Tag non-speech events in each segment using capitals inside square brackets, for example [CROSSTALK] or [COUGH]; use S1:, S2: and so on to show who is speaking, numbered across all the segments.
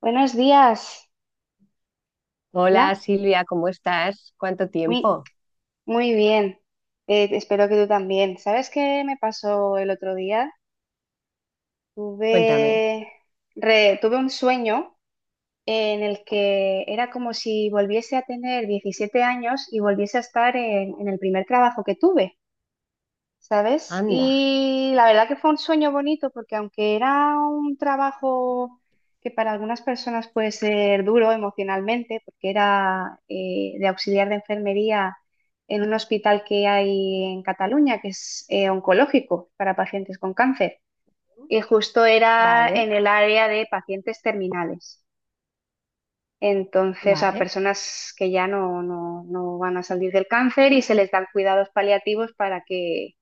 S1: Buenos días.
S2: Hola
S1: Hola.
S2: Silvia, ¿cómo estás? ¿Cuánto
S1: Muy,
S2: tiempo?
S1: muy bien. Espero que tú también. ¿Sabes qué me pasó el otro día?
S2: Cuéntame.
S1: Tuve, tuve un sueño en el que era como si volviese a tener 17 años y volviese a estar en el primer trabajo que tuve. ¿Sabes?
S2: Anda.
S1: Y la verdad que fue un sueño bonito porque aunque era un trabajo que para algunas personas puede ser duro emocionalmente, porque era de auxiliar de enfermería en un hospital que hay en Cataluña, que es oncológico para pacientes con cáncer, y justo era
S2: Vale,
S1: en el área de pacientes terminales. Entonces, a
S2: vale.
S1: personas que ya no, no van a salir del cáncer y se les dan cuidados paliativos para que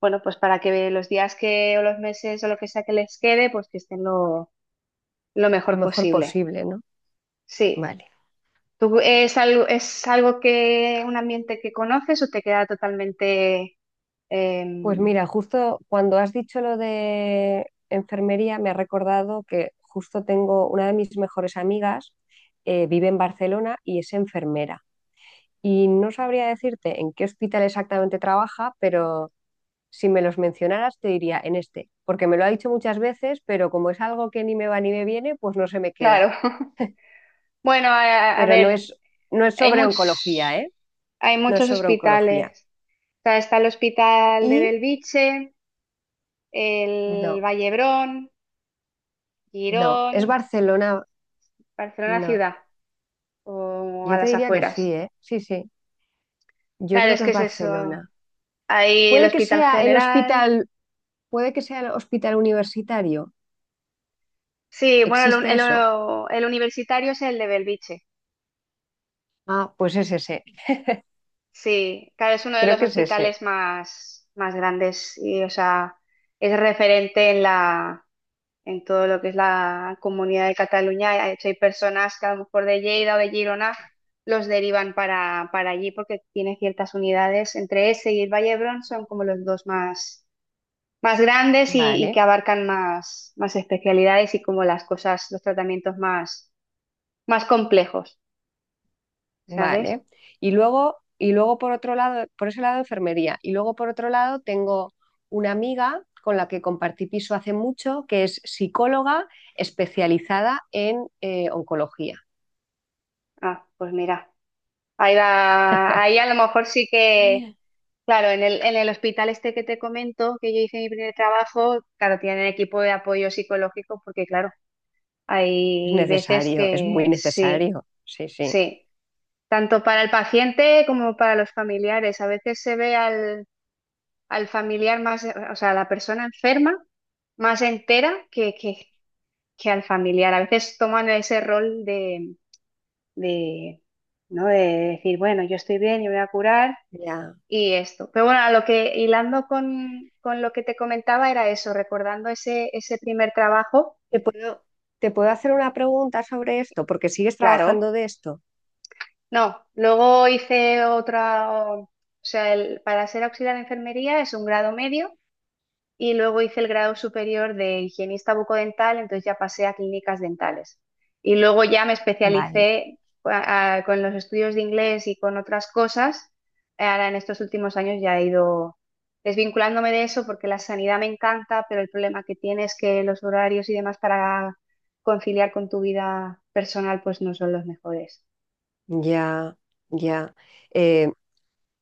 S1: bueno, pues para que los días que o los meses o lo que sea que les quede, pues que estén lo
S2: Lo
S1: mejor
S2: mejor
S1: posible.
S2: posible, ¿no?
S1: Sí.
S2: Vale.
S1: ¿Tú es algo que un ambiente que conoces o te queda totalmente
S2: Pues
S1: em,
S2: mira, justo cuando has dicho lo de enfermería, me ha recordado que justo tengo una de mis mejores amigas, vive en Barcelona y es enfermera. Y no sabría decirte en qué hospital exactamente trabaja, pero si me los mencionaras te diría en este, porque me lo ha dicho muchas veces, pero como es algo que ni me va ni me viene, pues no se me queda.
S1: claro? [LAUGHS] Bueno, a, a
S2: pero no
S1: ver,
S2: es, no es
S1: hay
S2: sobre oncología,
S1: muchos,
S2: ¿eh?
S1: hay
S2: No es
S1: muchos
S2: sobre oncología.
S1: hospitales. O sea, está el hospital de
S2: Y
S1: Belviche, el
S2: no,
S1: Vallebrón,
S2: no,
S1: Girón,
S2: es Barcelona,
S1: Barcelona
S2: no.
S1: ciudad o a
S2: Yo te
S1: las
S2: diría que sí,
S1: afueras.
S2: ¿eh? Sí, sí, yo
S1: Claro,
S2: creo
S1: es
S2: que
S1: que
S2: es
S1: es eso.
S2: Barcelona.
S1: Hay el
S2: Puede que
S1: Hospital
S2: sea el
S1: General.
S2: hospital, puede que sea el hospital universitario.
S1: Sí, bueno, el, un-
S2: ¿Existe eso?
S1: el, el universitario es el de Belviche.
S2: Ah, pues es ese.
S1: Sí, claro, es uno de
S2: Creo
S1: los
S2: que es ese.
S1: hospitales más grandes y, o sea, es referente en en todo lo que es la comunidad de Cataluña. De hecho, hay personas que a lo mejor de Lleida o de Girona los derivan para allí porque tiene ciertas unidades. Entre ese y el Valle d'Hebron son como los dos más grandes y que
S2: Vale.
S1: abarcan más especialidades y como las cosas, los tratamientos más complejos, ¿sabes?
S2: Vale. Y luego por otro lado, por ese lado enfermería. Y luego por otro lado tengo una amiga con la que compartí piso hace mucho, que es psicóloga especializada en oncología.
S1: Ah, pues mira, ahí va, ahí a lo mejor sí que,
S2: Es
S1: claro, en el hospital este que te comento, que yo hice mi primer trabajo, claro, tienen equipo de apoyo psicológico porque, claro, hay veces
S2: necesario, es muy
S1: que sí,
S2: necesario. Sí, sí.
S1: sí, tanto para el paciente como para los familiares. A veces se ve al familiar más, o sea, a la persona enferma más entera que al familiar. A veces toman ese rol de, ¿no? De decir, bueno, yo estoy bien, yo me voy a curar
S2: Ya.
S1: y esto. Pero bueno, a lo que hilando con lo que te comentaba era eso, recordando ese primer trabajo,
S2: ¿Te puedo, te puedo hacer una pregunta sobre esto? Porque sigues
S1: claro,
S2: trabajando de esto.
S1: no. Luego hice otra, o sea, para ser auxiliar de enfermería es un grado medio y luego hice el grado superior de higienista bucodental, entonces ya pasé a clínicas dentales. Y luego ya me
S2: Vale.
S1: especialicé con los estudios de inglés y con otras cosas. Ahora en estos últimos años ya he ido desvinculándome de eso porque la sanidad me encanta, pero el problema que tiene es que los horarios y demás para conciliar con tu vida personal pues no son los mejores.
S2: Ya, ya. Eh,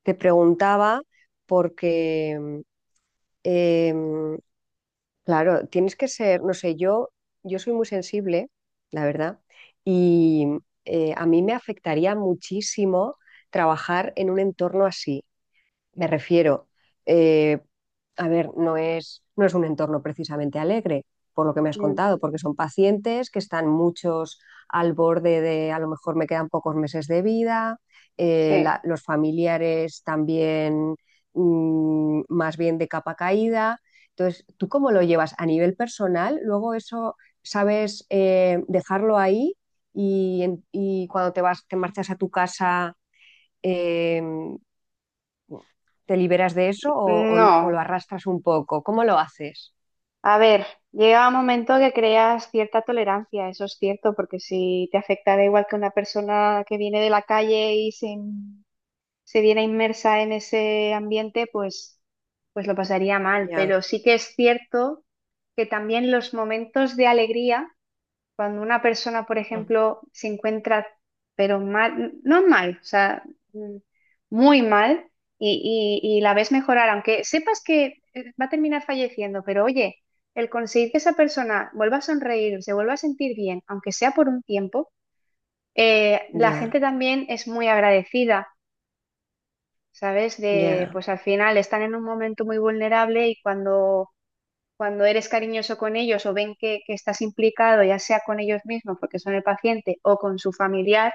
S2: te preguntaba porque em, claro, tienes que ser, no sé, yo soy muy sensible, la verdad, y a mí me afectaría muchísimo trabajar en un entorno así. Me refiero, eh, a ver, no es un entorno precisamente alegre, por lo que me has
S1: Mm,
S2: contado, porque son pacientes que están muchos al borde de a lo mejor me quedan pocos meses de vida,
S1: sí.
S2: los familiares también mm, más bien de capa caída. Entonces, ¿tú cómo lo llevas a nivel personal? Luego eso, ¿sabes, dejarlo ahí y cuando te vas, te marchas a tu casa? em, ¿Te liberas de eso o lo
S1: No.
S2: arrastras un poco? ¿Cómo lo haces?
S1: A ver, llega un momento que creas cierta tolerancia, eso es cierto, porque si te afecta da igual que una persona que viene de la calle y se viera inmersa en ese ambiente, pues lo pasaría mal.
S2: Ya,
S1: Pero sí que es cierto que también los momentos de alegría cuando una persona, por ejemplo, se encuentra, pero mal, no mal, o sea, mm, muy mal, y la ves mejorar, aunque sepas que va a terminar falleciendo, pero oye, el conseguir que esa persona vuelva a sonreír, se vuelva a sentir bien, aunque sea por un tiempo, la
S2: ya,
S1: gente también es muy agradecida, ¿sabes? De,
S2: ya,
S1: pues al final están en un momento muy vulnerable y cuando eres cariñoso con ellos o ven que estás implicado, ya sea con ellos mismos, porque son el paciente, o con su familiar,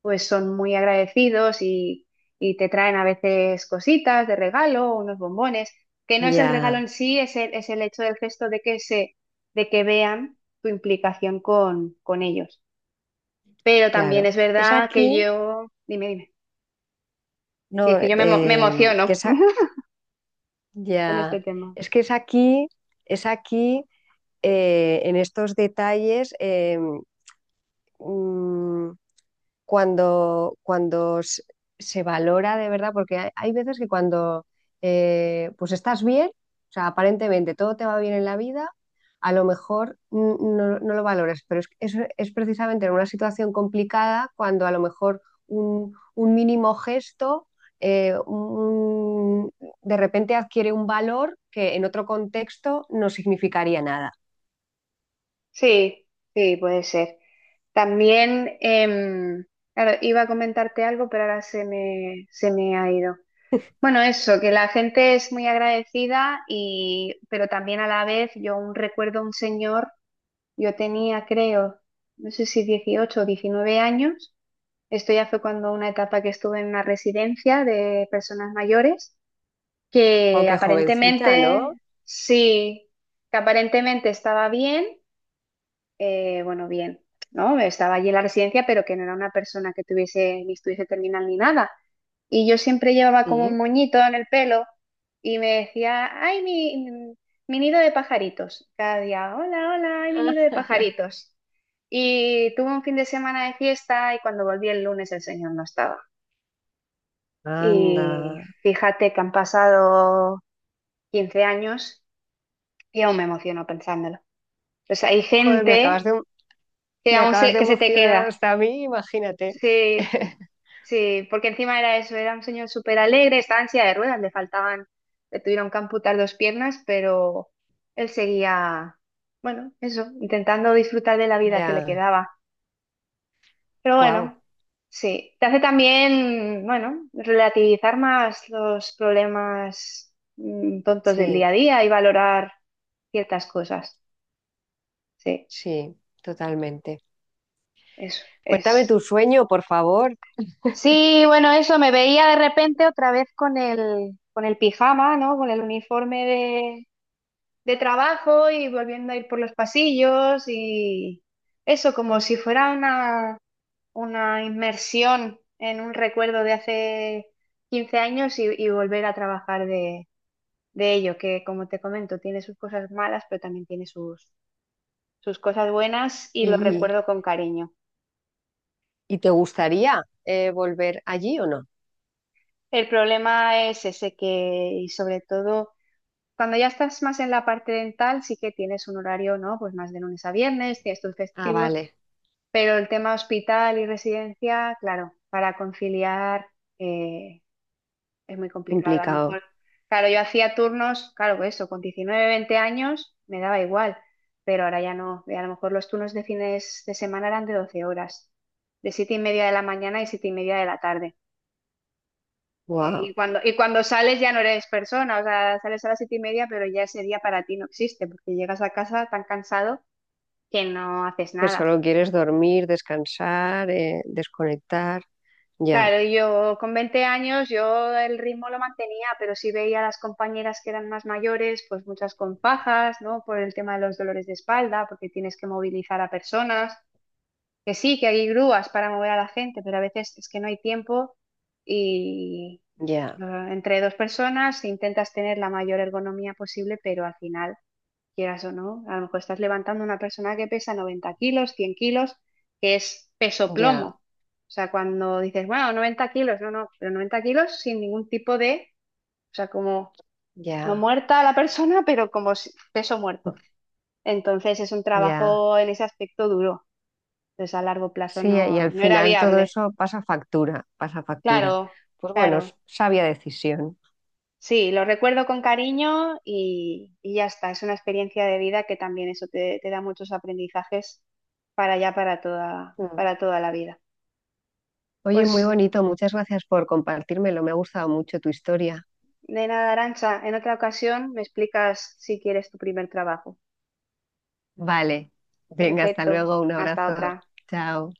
S1: pues son muy agradecidos y te traen a veces cositas de regalo, unos bombones, que no es el regalo en
S2: ya,
S1: sí, es el hecho del gesto de de que vean tu implicación con ellos. Pero también
S2: claro.
S1: es
S2: Es
S1: verdad que
S2: aquí,
S1: yo, dime, dime, sí, es
S2: no,
S1: que yo me
S2: que
S1: emociono
S2: es a-
S1: [LAUGHS] con este
S2: ya,
S1: tema.
S2: es que es aquí, en estos detalles, mm, cuando, cuando se se valora de verdad, porque hay veces que cuando pues estás bien, o sea, aparentemente todo te va bien en la vida, a lo mejor no lo valores, pero es precisamente en una situación complicada cuando a lo mejor un mínimo gesto eh, un- de repente adquiere un valor que en otro contexto no significaría nada.
S1: Sí, sí, puede ser. También, claro, iba a comentarte algo, pero ahora se me ha ido. Bueno, eso, que la gente es muy agradecida y, pero también a la vez, yo aún recuerdo a un señor, yo tenía, creo, no sé si 18 o 19 años, esto ya fue cuando una etapa que estuve en una residencia de personas mayores,
S2: Oh,
S1: que
S2: qué jovencita, ¿no?
S1: aparentemente, sí, que aparentemente estaba bien, bueno, bien, ¿no? Estaba allí en la residencia, pero que no era una persona que tuviese ni estuviese terminal ni nada. Y yo siempre llevaba como un
S2: Sí.
S1: moñito en el pelo y me decía, ay, mi nido de pajaritos. Cada día, hola, hola, ay, mi nido de
S2: Ah.
S1: pajaritos. Y tuve un fin de semana de fiesta y cuando volví el lunes el señor no estaba. Y
S2: Anda.
S1: fíjate que han pasado 15 años y aún me emociono pensándolo. Pues hay
S2: Joder, me acabas de
S1: gente que
S2: Me
S1: aún
S2: acabas de
S1: que se te
S2: emocionar
S1: queda.
S2: hasta a mí, imagínate.
S1: Sí.
S2: [LAUGHS]
S1: Sí, porque encima era eso, era un señor súper alegre, estaba en silla de ruedas, le tuvieron que amputar dos piernas, pero él seguía, bueno, eso, intentando disfrutar de la vida que le
S2: Ya,
S1: quedaba. Pero
S2: guau.
S1: bueno, sí, te hace también, bueno, relativizar más los problemas tontos del
S2: Sí,
S1: día a día y valorar ciertas cosas. Sí,
S2: sí, totalmente.
S1: eso
S2: Cuéntame
S1: es.
S2: tu sueño, por favor. [LAUGHS]
S1: Sí, bueno, eso, me veía de repente otra vez con el pijama, ¿no? Con el uniforme de trabajo y volviendo a ir por los pasillos y eso, como si fuera una inmersión en un recuerdo de hace 15 años y volver a trabajar de ello, que como te comento, tiene sus cosas malas, pero también tiene sus cosas buenas y lo
S2: ¿Y
S1: recuerdo con cariño.
S2: y te gustaría volver allí o no?
S1: El problema es ese que, y sobre todo... Cuando ya estás más en la parte dental, sí que tienes un horario, ¿no? Pues más de lunes a viernes, tienes tus
S2: Ah,
S1: festivos,
S2: vale,
S1: pero el tema hospital y residencia, claro, para conciliar eh, es muy complicado. A lo
S2: complicado.
S1: mejor, claro, yo hacía turnos, claro, pues eso, con 19 20 años me daba igual, pero ahora ya no. Y a lo mejor los turnos de fines de semana eran de 12 horas, de 7:30 de la mañana y 7:30 de la tarde. Y
S2: Wow,
S1: cuando sales ya no eres persona, o sea, sales a las 7:30, pero ya ese día para ti no existe, porque llegas a casa tan cansado que no haces
S2: que
S1: nada.
S2: solo quieres dormir, descansar, desconectar. Ya,
S1: Claro, yo con 20 años yo el ritmo lo mantenía, pero sí veía a las compañeras que eran más mayores, pues muchas con fajas, ¿no? Por el tema de los dolores de espalda, porque tienes que movilizar a personas, que sí, que hay grúas para mover a la gente, pero a veces es que no hay tiempo y
S2: ya,
S1: entre dos personas intentas tener la mayor ergonomía posible, pero al final quieras o no. A lo mejor estás levantando a una persona que pesa 90 kilos, 100 kilos, que es peso
S2: ya,
S1: plomo. O sea, cuando dices, bueno, 90 kilos, no, no, pero 90 kilos sin ningún tipo de, o sea, como no
S2: ya,
S1: muerta la persona, pero como peso muerto. Entonces es un
S2: ya.
S1: trabajo en ese aspecto duro. Entonces a largo plazo
S2: Sí, y
S1: no,
S2: al
S1: no era
S2: final todo
S1: viable.
S2: eso pasa factura, pasa factura.
S1: Claro,
S2: Pues bueno, es
S1: claro.
S2: sabia decisión.
S1: Sí, lo recuerdo con cariño y ya está. Es una experiencia de vida que también eso te da muchos aprendizajes para ya para toda,
S2: Mm.
S1: para toda la vida.
S2: Oye, muy
S1: Pues
S2: bonito, muchas gracias por compartírmelo, me ha gustado mucho tu historia.
S1: de nada, Arancha, en otra ocasión me explicas si quieres tu primer trabajo.
S2: Vale, venga, hasta
S1: Perfecto,
S2: luego, un
S1: hasta
S2: abrazo,
S1: otra.
S2: chao.